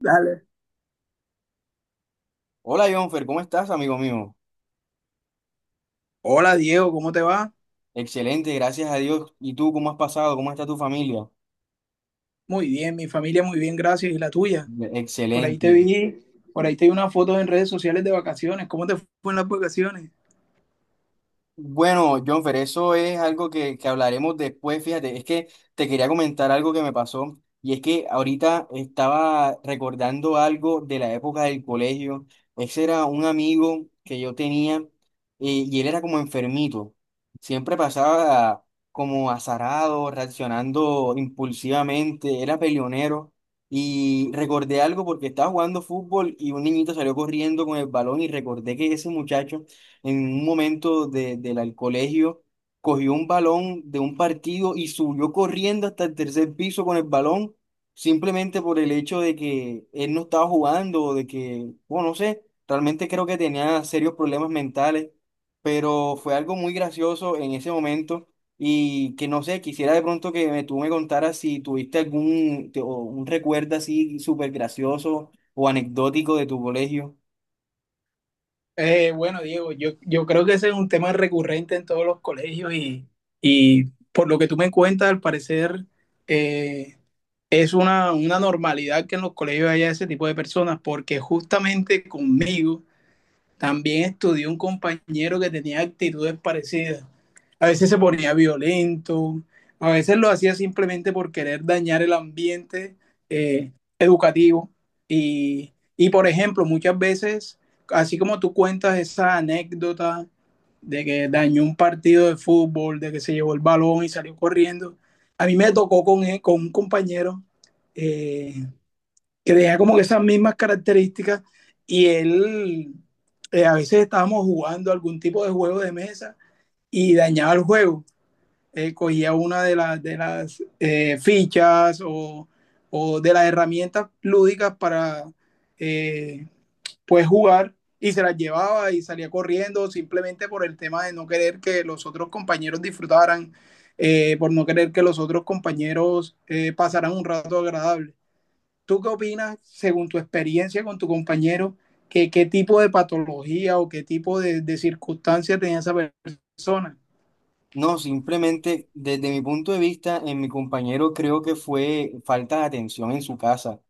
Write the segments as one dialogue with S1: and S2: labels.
S1: Dale.
S2: Hola, Jonfer, ¿cómo estás, amigo mío?
S1: Hola Diego, ¿cómo te va?
S2: Excelente, gracias a Dios. ¿Y tú cómo has pasado? ¿Cómo está tu familia?
S1: Muy bien, mi familia muy bien, gracias. ¿Y la tuya? Por ahí te
S2: Excelente.
S1: vi, por ahí te vi una foto en redes sociales de vacaciones. ¿Cómo te fue en las vacaciones?
S2: Bueno, Jonfer, eso es algo que hablaremos después. Fíjate, es que te quería comentar algo que me pasó y es que ahorita estaba recordando algo de la época del colegio. Ese era un amigo que yo tenía y él era como enfermito. Siempre pasaba como azarado, reaccionando impulsivamente, era peleonero. Y recordé algo porque estaba jugando fútbol y un niñito salió corriendo con el balón y recordé que ese muchacho en un momento del al colegio, cogió un balón de un partido y subió corriendo hasta el tercer piso con el balón, simplemente por el hecho de que él no estaba jugando o de que, bueno, no sé, realmente creo que tenía serios problemas mentales, pero fue algo muy gracioso en ese momento. Y que no sé, quisiera de pronto tú me contaras si tuviste algún o un recuerdo así súper gracioso o anecdótico de tu colegio.
S1: Bueno, Diego, yo creo que ese es un tema recurrente en todos los colegios y, por lo que tú me cuentas, al parecer eh, es una normalidad que en los colegios haya ese tipo de personas, porque justamente conmigo... También estudié un compañero que tenía actitudes parecidas. A veces se ponía violento, a veces lo hacía simplemente por querer dañar el ambiente eh, educativo. Y, por ejemplo, muchas veces, así como tú cuentas esa anécdota de que dañó un partido de fútbol, de que se llevó el balón y salió corriendo, a mí me tocó con, él, con un compañero eh, que tenía como que esas mismas características y él, a veces estábamos jugando algún tipo de juego de mesa y dañaba el juego. Cogía una de las fichas o, de las herramientas lúdicas para eh, pues jugar y se las llevaba y salía corriendo simplemente por el tema de no querer que los otros compañeros disfrutaran, por no querer que los otros compañeros pasaran un rato agradable. ¿Tú qué opinas, según tu experiencia con tu compañero, que, qué tipo de patología o qué tipo de circunstancia tenía esa persona?
S2: No, simplemente desde mi punto de vista, en mi compañero creo que fue falta de atención en su casa,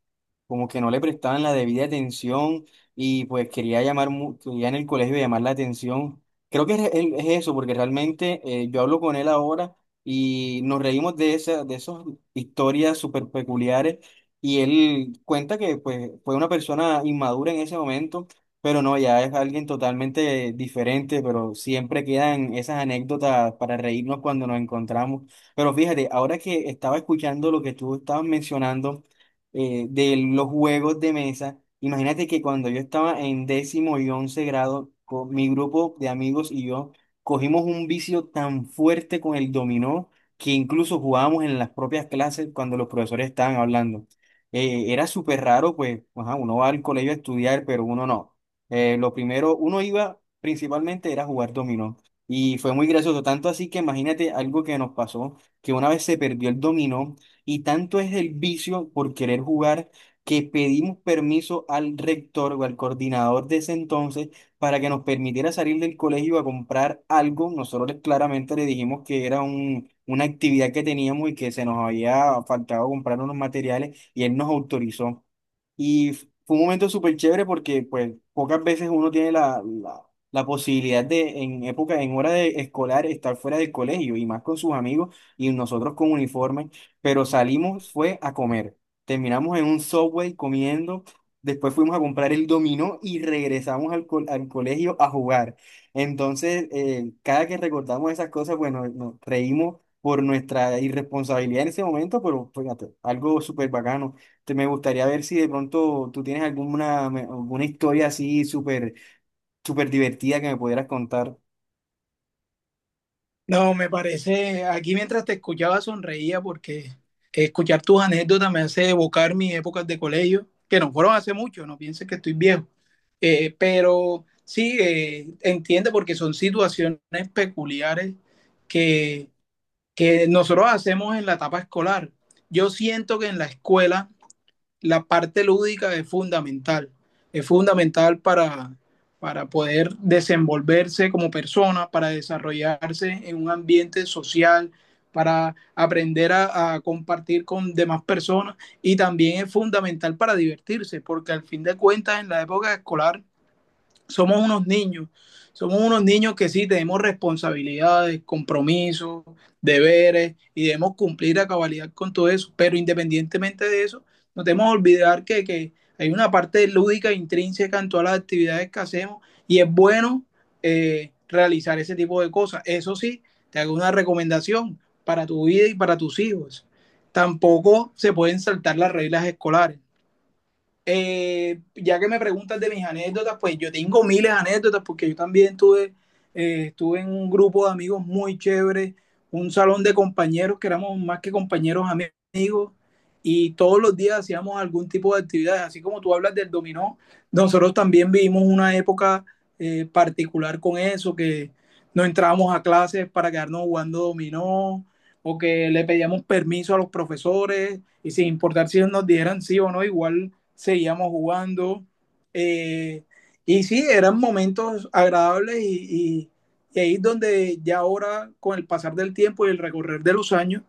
S2: como que no le prestaban la debida atención y pues quería quería en el colegio llamar la atención. Creo que es eso, porque realmente yo hablo con él ahora y nos reímos de de esas historias súper peculiares y él cuenta que pues fue una persona inmadura en ese momento, pero no, ya es alguien totalmente diferente, pero siempre quedan esas anécdotas para reírnos cuando nos encontramos. Pero fíjate, ahora que estaba escuchando lo que tú estabas mencionando, de los juegos de mesa. Imagínate que cuando yo estaba en décimo y once grado, con mi grupo de amigos y yo cogimos un vicio tan fuerte con el dominó que incluso jugábamos en las propias clases cuando los profesores estaban hablando. Era súper raro, pues, ajá, uno va al colegio a estudiar, pero uno no. Lo primero, uno iba principalmente era jugar dominó. Y fue muy gracioso, tanto así que imagínate algo que nos pasó, que una vez se perdió el dominó y tanto es el vicio por querer jugar que pedimos permiso al rector o al coordinador de ese entonces para que nos permitiera salir del colegio a comprar algo. Nosotros claramente le dijimos que era una actividad que teníamos y que se nos había faltado comprar unos materiales y él nos autorizó. Y fue un momento súper chévere porque pues pocas veces uno tiene la posibilidad de en época, en hora de escolar, estar fuera del colegio y más con sus amigos y nosotros con uniforme, pero salimos fue a comer. Terminamos en un Subway comiendo, después fuimos a comprar el dominó y regresamos al colegio a jugar. Entonces, cada que recordamos esas cosas, bueno, nos reímos por nuestra irresponsabilidad en ese momento, pero fíjate, algo súper bacano. Me gustaría ver si de pronto tú tienes alguna historia súper divertida que me pudieras contar.
S1: No, me parece, aquí mientras te escuchaba sonreía porque escuchar tus anécdotas me hace evocar mis épocas de colegio, que no fueron hace mucho, no pienses que estoy viejo. Pero sí, entiende porque son situaciones peculiares que, que nosotros hacemos en la etapa escolar. Yo siento que en la escuela la parte lúdica es fundamental para poder desenvolverse como persona, para desarrollarse en un ambiente social, para aprender a, compartir con demás personas y también es fundamental para divertirse, porque al fin de cuentas en la época escolar somos unos niños, somos unos niños que sí tenemos responsabilidades, compromisos, deberes y debemos cumplir a cabalidad con todo eso, pero independientemente de eso, no debemos olvidar que hay una parte lúdica e intrínseca en todas las actividades que hacemos y es bueno realizar ese tipo de cosas. Eso sí, te hago una recomendación para tu vida y para tus hijos. Tampoco se pueden saltar las reglas escolares. Ya que me preguntas de mis anécdotas, pues yo tengo miles de anécdotas porque yo también tuve, estuve en un grupo de amigos muy chévere, un salón de compañeros que éramos más que compañeros amigos y todos los días hacíamos algún tipo de actividades, así como tú hablas del dominó, nosotros también vivimos una época particular con eso, que no entrábamos a clases para quedarnos jugando dominó o que le pedíamos permiso a los profesores y sin importar si nos dieran sí o no, igual seguíamos jugando. Eh, y sí, eran momentos agradables y ahí es donde ya ahora, con el pasar del tiempo y el recorrer de los años,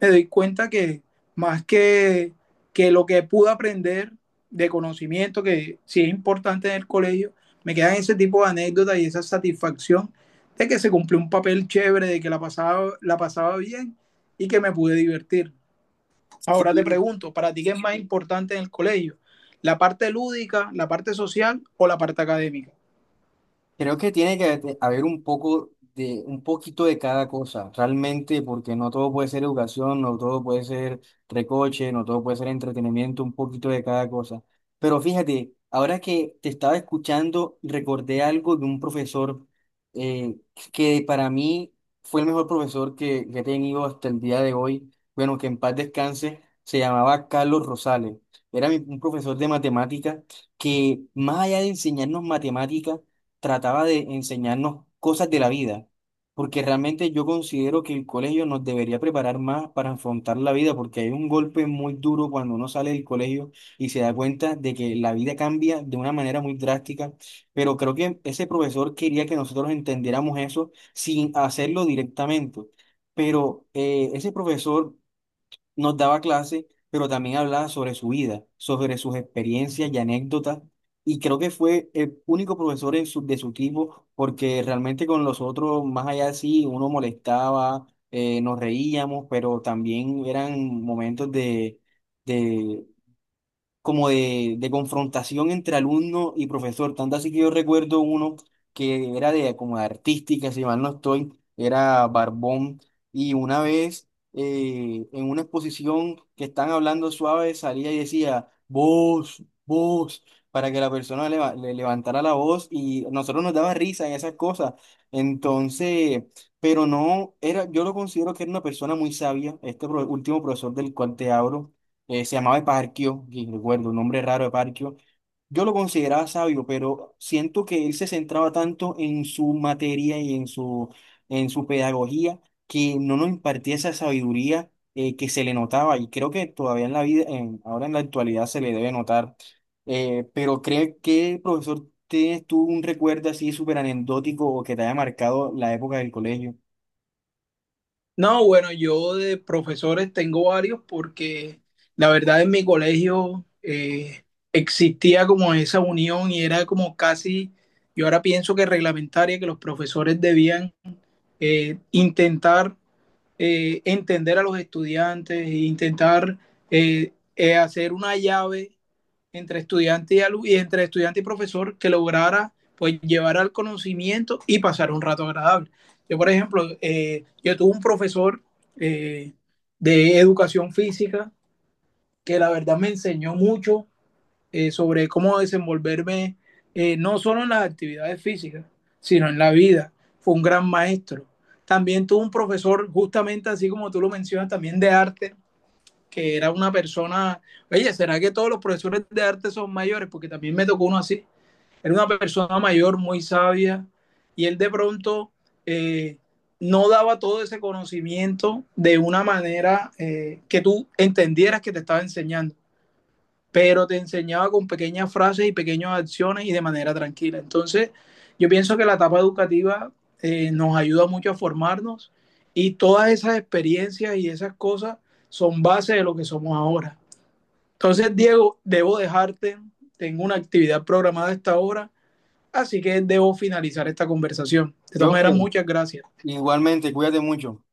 S1: me doy cuenta que, más que lo que pude aprender de conocimiento, que sí es importante en el colegio, me quedan ese tipo de anécdotas y esa satisfacción de que se cumplió un papel chévere, de que la pasaba bien y que me pude divertir. Ahora te
S2: Sí,
S1: pregunto, ¿para ti qué es más importante en el colegio? ¿La parte lúdica, la parte social o la parte académica?
S2: creo que tiene que haber un poco de, un poquito de cada cosa, realmente, porque no todo puede ser educación, no todo puede ser recoche, no todo puede ser entretenimiento, un poquito de cada cosa. Pero fíjate, ahora que te estaba escuchando, recordé algo de un profesor eh, que para mí fue el mejor profesor que he tenido hasta el día de hoy. Bueno, que en paz descanse, se llamaba Carlos Rosales. Era un profesor de matemática que, más allá de enseñarnos matemática, trataba de enseñarnos cosas de la vida, porque realmente yo considero que el colegio nos debería preparar más para afrontar la vida, porque hay un golpe muy duro cuando uno sale del colegio y se da cuenta de que la vida cambia de una manera muy drástica, pero creo que ese profesor quería que nosotros entendiéramos eso sin hacerlo directamente. Pero ese profesor nos daba clase, pero también hablaba sobre su vida, sobre sus experiencias y anécdotas. Y creo que fue el único profesor de su tipo, porque realmente con los otros, más allá sí, uno molestaba, nos reíamos, pero también eran momentos como de confrontación entre alumno y profesor. Tanto así que yo recuerdo uno que era de como de artística, si mal no estoy, era Barbón. Y una vez en una exposición que están hablando suave, salía y decía, vos, vos, para que la persona le levantara la voz y nosotros nos daba risa en esas cosas. Entonces, pero no, era, yo lo considero que era una persona muy sabia, este último profesor del cual te hablo se llamaba Eparquio, y recuerdo, un nombre raro Eparquio. Yo lo consideraba sabio, pero siento que él se centraba tanto en su materia y en en su pedagogía, que no nos impartía esa sabiduría que se le notaba y creo que todavía en la vida, ahora en la actualidad se le debe notar. Pero cree que, profesor, ¿tienes tú un recuerdo así súper anecdótico o que te haya marcado la época del colegio?
S1: No, bueno, yo de profesores tengo varios porque la verdad en mi colegio existía como esa unión y era como casi, yo ahora pienso que reglamentaria, que los profesores debían intentar entender a los estudiantes, e intentar hacer una llave entre estudiante y, alumno y entre estudiante y profesor que lograra pues llevar al conocimiento y pasar un rato agradable. Yo, por ejemplo, yo tuve un profesor eh, de educación física que la verdad me enseñó mucho sobre cómo desenvolverme no solo en las actividades físicas, sino en la vida. Fue un gran maestro. También tuve un profesor, justamente así como tú lo mencionas, también de arte, que era una persona, oye, ¿será que todos los profesores de arte son mayores? Porque también me tocó uno así. Era una persona mayor, muy sabia, y él de pronto eh, no daba todo ese conocimiento de una manera que tú entendieras que te estaba enseñando, pero te enseñaba con pequeñas frases y pequeñas acciones y de manera tranquila. Entonces, yo pienso que la etapa educativa nos ayuda mucho a formarnos y todas esas experiencias y esas cosas son base de lo que somos ahora. Entonces, Diego, debo dejarte, tengo una actividad programada a esta hora, así que debo finalizar esta conversación. De todas maneras,
S2: Jonfer,
S1: muchas gracias.
S2: igualmente, cuídate mucho.